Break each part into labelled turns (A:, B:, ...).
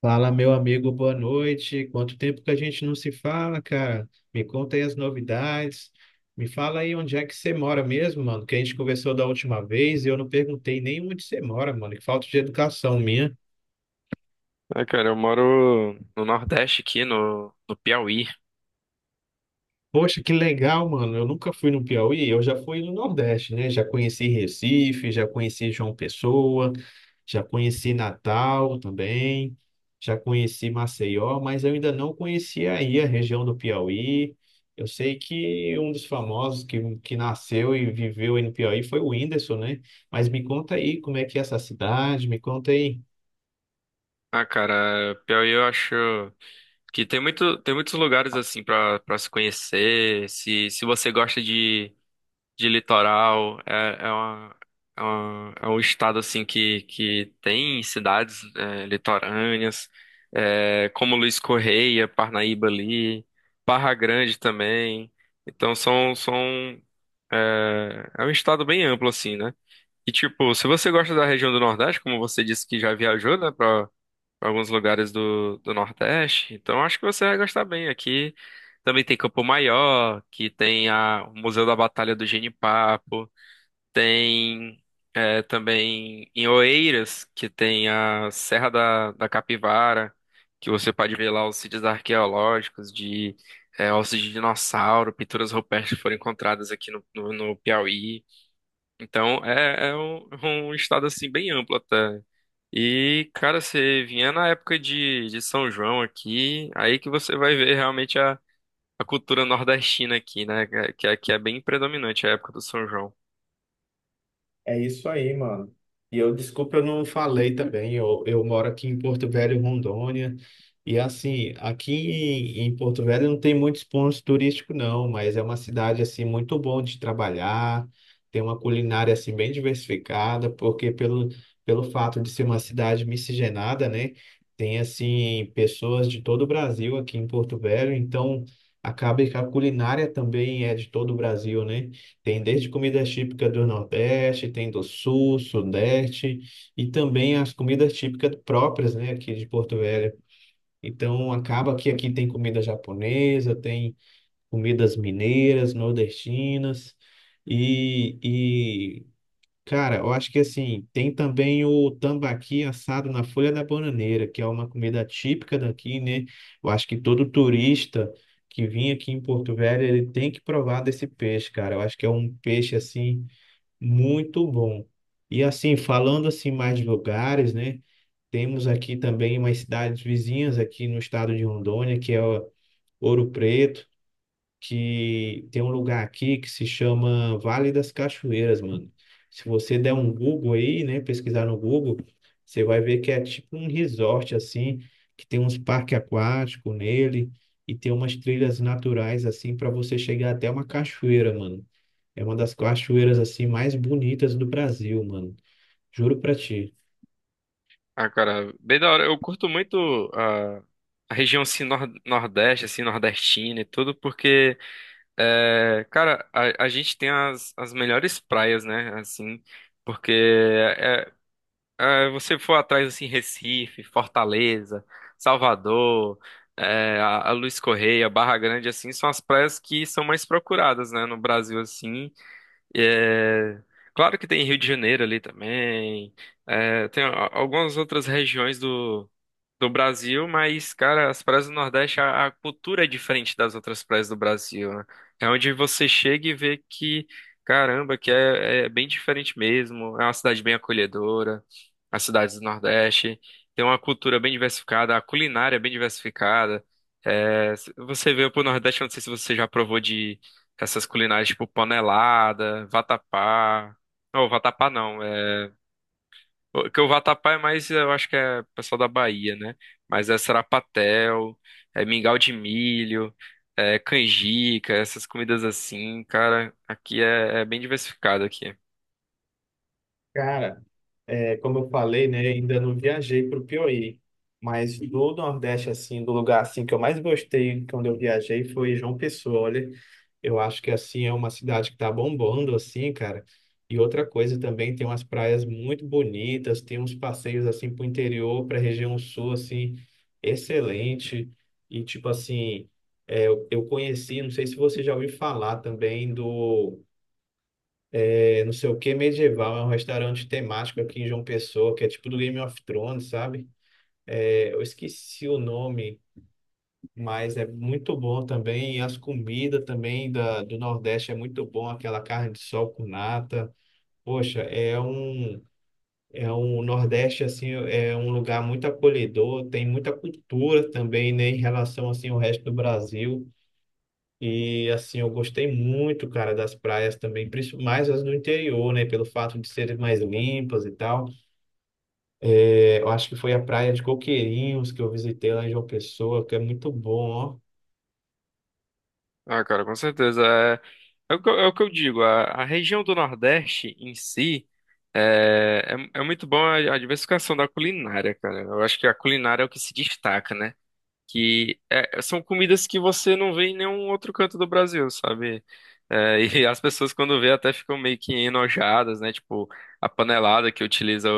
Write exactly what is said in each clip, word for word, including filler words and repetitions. A: Fala, meu amigo, boa noite. Quanto tempo que a gente não se fala, cara? Me conta aí as novidades. Me fala aí onde é que você mora mesmo, mano, que a gente conversou da última vez e eu não perguntei nem onde você mora, mano. Que falta de educação minha.
B: Ah, cara, eu moro no Nordeste aqui, no, no Piauí.
A: Poxa, que legal, mano. Eu nunca fui no Piauí, eu já fui no Nordeste, né? Já conheci Recife, já conheci João Pessoa, já conheci Natal também, já conheci Maceió, mas eu ainda não conhecia aí a região do Piauí. Eu sei que um dos famosos que, que nasceu e viveu aí no Piauí foi o Whindersson, né? Mas me conta aí como é que é essa cidade, me conta aí.
B: Ah, cara, Piauí eu acho que tem muito, tem muitos lugares assim pra para se conhecer. Se, se você gosta de, de litoral, é, é uma, é uma- é um estado assim que, que tem cidades é, litorâneas, é, como Luiz Correia, Parnaíba ali, Barra Grande também. Então são, são, é, é um estado bem amplo assim, né? E tipo, se você gosta da região do Nordeste, como você disse que já viajou, né, para alguns lugares do, do Nordeste, então acho que você vai gostar bem. Aqui também tem Campo Maior, que tem a, o Museu da Batalha do Genipapo, tem é, também em Oeiras, que tem a Serra da, da Capivara, que você pode ver lá os sítios arqueológicos de é, ossos de dinossauro, pinturas rupestres que foram encontradas aqui no, no no Piauí. Então, é, é um, um estado assim bem amplo até. E, cara, você vier na época de, de São João aqui, aí que você vai ver realmente a, a cultura nordestina aqui, né? Que, é- que é bem predominante a época do São João.
A: É isso aí, mano. E eu, desculpa, eu não falei também. Eu, eu moro aqui em Porto Velho, Rondônia. E assim, aqui em, em Porto Velho não tem muitos pontos turísticos, não, mas é uma cidade assim muito bom de trabalhar. Tem uma culinária assim bem diversificada, porque pelo, pelo fato de ser uma cidade miscigenada, né? Tem assim pessoas de todo o Brasil aqui em Porto Velho, então acaba que a culinária também é de todo o Brasil, né? Tem desde comidas típicas do Nordeste, tem do Sul, Sudeste e também as comidas típicas próprias, né, aqui de Porto Velho. Então acaba que aqui tem comida japonesa, tem comidas mineiras, nordestinas e, e cara, eu acho que assim, tem também o tambaqui assado na folha da bananeira, que é uma comida típica daqui, né? Eu acho que todo turista que vem aqui em Porto Velho, ele tem que provar desse peixe, cara. Eu acho que é um peixe assim muito bom. E assim, falando assim mais de lugares, né? Temos aqui também umas cidades vizinhas aqui no estado de Rondônia, que é Ouro Preto, que tem um lugar aqui que se chama Vale das Cachoeiras, mano. Se você der um Google aí, né, pesquisar no Google, você vai ver que é tipo um resort assim, que tem uns parques aquáticos nele e tem umas trilhas naturais assim para você chegar até uma cachoeira, mano. É uma das cachoeiras assim mais bonitas do Brasil, mano. Juro pra ti.
B: Ah, cara, bem da hora. Eu curto muito a, a região assim, nor- nordeste, assim, nordestina e tudo, porque, é, cara, a, a gente tem as, as melhores praias, né? Assim, porque é, é, é, você for atrás assim, Recife, Fortaleza, Salvador, é, a, a Luiz Correia, Barra Grande, assim, são as praias que são mais procuradas, né, no Brasil, assim. É, claro que tem Rio de Janeiro ali também, é, tem a- algumas outras regiões do do Brasil, mas, cara, as praias do Nordeste, a, a cultura é diferente das outras praias do Brasil, né? É onde você chega e vê que, caramba, que é, é bem diferente mesmo. É uma cidade bem acolhedora, as cidades do Nordeste. Tem uma cultura bem diversificada, a culinária é bem diversificada. É, se você veio pro Nordeste, eu não sei se você já provou de essas culinárias tipo panelada, vatapá. Não, vatapá não. é, o- Que o vatapá é mais, eu acho que é pessoal da Bahia, né? Mas é sarapatel, é mingau de milho, é canjica, essas comidas assim, cara, aqui é, é bem diversificado aqui.
A: Cara. É, como eu falei, né, ainda não viajei para o Piauí, mas do Nordeste, assim, do lugar assim que eu mais gostei quando eu viajei foi João Pessoa. Olha, eu acho que assim é uma cidade que tá bombando, assim, cara. E outra coisa também, tem umas praias muito bonitas, tem uns passeios assim para o interior, para a região sul, assim, excelente. E tipo assim, é, eu eu conheci, não sei se você já ouviu falar também do é não sei o que medieval, é um restaurante temático aqui em João Pessoa, que é tipo do Game of Thrones, sabe? É, eu esqueci o nome, mas é muito bom também. E as comidas também da, do Nordeste é muito bom, aquela carne de sol com nata. Poxa, é um, é um Nordeste, assim, é um lugar muito acolhedor, tem muita cultura também, né, em relação, assim, ao resto do Brasil. E assim, eu gostei muito, cara, das praias também, principalmente mais as do interior, né? Pelo fato de serem mais limpas e tal. É, eu acho que foi a praia de Coqueirinhos que eu visitei lá em João Pessoa, que é muito bom, ó.
B: Ah, cara, com certeza. É, é o que, eu é o que eu digo, a, a região do Nordeste em si é, é, é muito bom a, a diversificação da culinária, cara. Eu acho que a culinária é o que se destaca, né? Que é, são comidas que você não vê em nenhum outro canto do Brasil, sabe? É, e as pessoas quando vê até ficam meio que enojadas, né? Tipo, a panelada que utiliza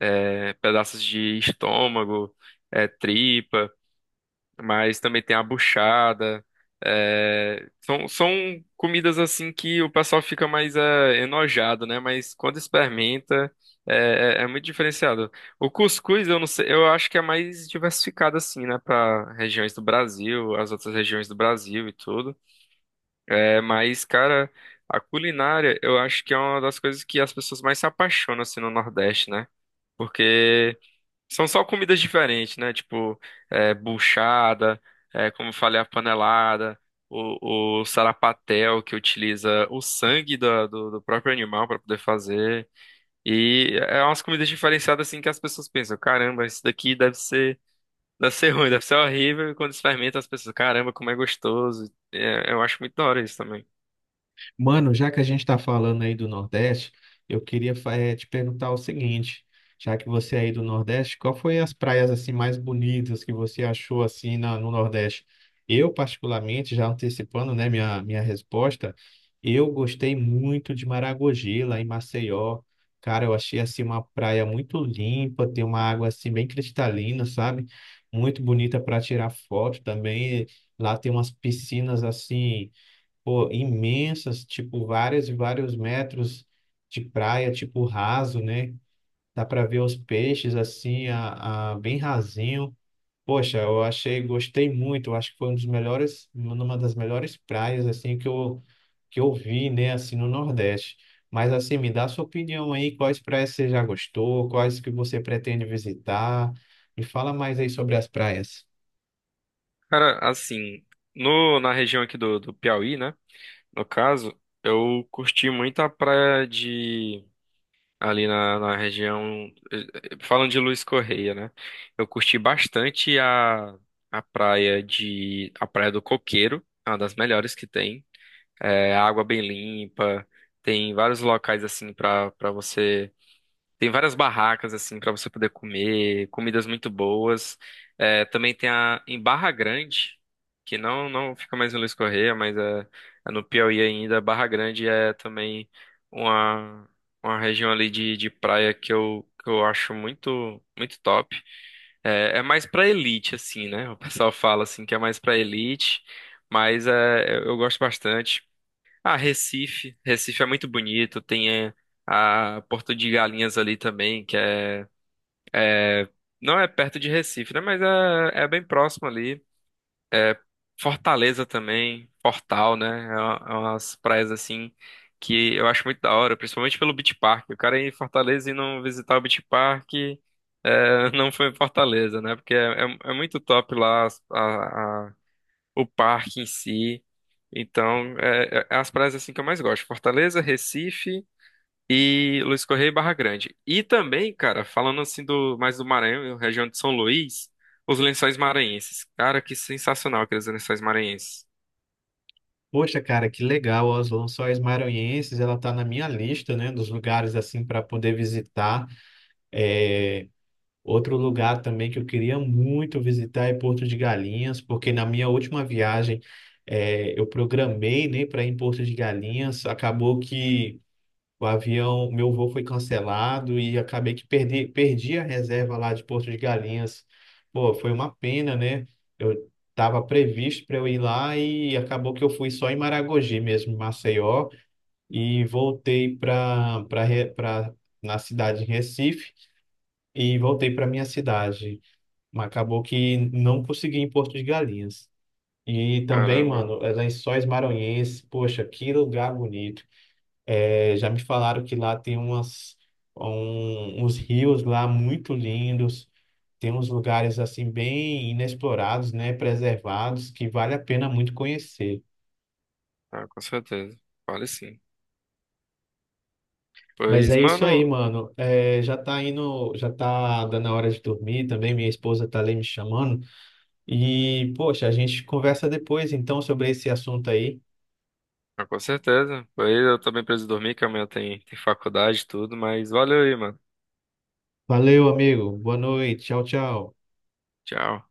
B: é, pedaços de estômago, é, tripa, mas também tem a buchada. é, são, são comidas assim que o pessoal fica mais é, enojado, né? Mas quando experimenta, é, é- é muito diferenciado. O cuscuz, eu não sei, eu acho que é mais diversificado assim, né? Para regiões do Brasil, as outras regiões do Brasil e tudo. É, mas, cara, a culinária, eu acho que é uma das coisas que as pessoas mais se apaixonam assim no Nordeste, né? Porque são só comidas diferentes, né? Tipo, é, buchada, é, como eu falei, a panelada, o, o sarapatel, que utiliza o sangue da- do, do próprio animal para poder fazer. E é umas comidas diferenciadas, assim, que as pessoas pensam: caramba, isso daqui deve ser, deve ser ruim, deve ser horrível. E quando se fermenta, as pessoas: caramba, como é gostoso. É, eu acho muito da hora isso também.
A: Mano, já que a gente está falando aí do Nordeste, eu queria fa- eh, te perguntar o seguinte, já que você é aí do Nordeste, qual foi as praias assim mais bonitas que você achou assim na- no Nordeste? Eu, particularmente, já antecipando, né, minha, minha resposta, eu gostei muito de Maragogi, lá em Maceió. Cara, eu achei assim uma praia muito limpa, tem uma água assim bem cristalina, sabe? Muito bonita para tirar foto também. Lá tem umas piscinas assim, pô, imensas, tipo várias e vários metros de praia, tipo raso, né? Dá para ver os peixes assim, a, a- bem rasinho. Poxa, eu achei, gostei muito. Eu acho que foi um dos melhores, uma das melhores praias assim que eu que eu vi, né, assim no Nordeste. Mas assim, me dá sua opinião aí, quais praias você já gostou, quais que você pretende visitar? Me fala mais aí sobre as praias.
B: Cara, assim, no, na região aqui do, do Piauí, né? No caso, eu curti muito a praia de. Ali na, na região. eh, eh, Falando de Luiz Correia, né? Eu curti bastante a, a praia de a Praia do Coqueiro, é uma das melhores que tem. É, água bem limpa, tem vários locais assim para para você. Tem várias barracas assim para você poder comer, comidas muito boas. É, também tem a em Barra Grande, que não não fica mais em Luiz Correia, mas é, é no Piauí ainda. Barra Grande é também uma uma região ali de, de praia que eu que eu acho muito muito top. É, é mais pra elite assim, né? O pessoal fala assim que é mais pra elite, mas é, eu eu gosto bastante. Ah, Recife. Recife é muito bonito. Tem eh, a Porto de Galinhas ali também, que é, é- não é perto de Recife, né? Mas é, é bem próximo ali. Fortaleza também, Fortal, né? É, uma- é umas praias assim que eu acho muito da hora, principalmente pelo Beach Park. O cara ir em Fortaleza e não visitar o Beach Park, eh, não foi em Fortaleza, né? Porque é, é- é muito top lá as- a- a- o parque em si. Então, é, é é as praias assim que eu mais gosto. Fortaleza, Recife. E Luiz Correia e Barra Grande. E também, cara, falando assim do mais do Maranhão, região de São Luís, os Lençóis Maranhenses. Cara, que sensacional aqueles Lençóis Maranhenses.
A: Poxa, cara, que legal, as Lençóis Maranhenses, ela tá na minha lista, né, dos lugares assim para poder visitar. É, outro lugar também que eu queria muito visitar é Porto de Galinhas, porque na minha última viagem é, eu programei, né, para ir em Porto de Galinhas, acabou que o avião, meu voo foi cancelado e acabei que perdi, perdi a reserva lá de Porto de Galinhas. Pô, foi uma pena, né? Eu estava previsto para eu ir lá e acabou que eu fui só em Maragogi mesmo, em Maceió, e voltei para para na cidade de Recife e voltei para minha cidade. Mas acabou que não consegui em Porto de Galinhas. E também,
B: Caramba, mano.
A: mano, é Lençóis Maranhenses, poxa, que lugar bonito. É, já me falaram que lá tem umas, um- uns rios lá muito lindos, tem uns lugares assim bem inexplorados, né, preservados, que vale a pena muito conhecer.
B: Ah, com certeza. Vale sim.
A: Mas
B: Pois,
A: é isso aí,
B: mano,
A: mano. É, já tá indo, já tá dando a hora de dormir também. Minha esposa tá ali me chamando. E, poxa, a gente conversa depois então sobre esse assunto aí.
B: ah, com certeza. Pois eu também preciso dormir, que amanhã tem, tem faculdade e tudo, mas valeu aí, mano.
A: Valeu, amigo. Boa noite. Tchau, tchau.
B: Tchau.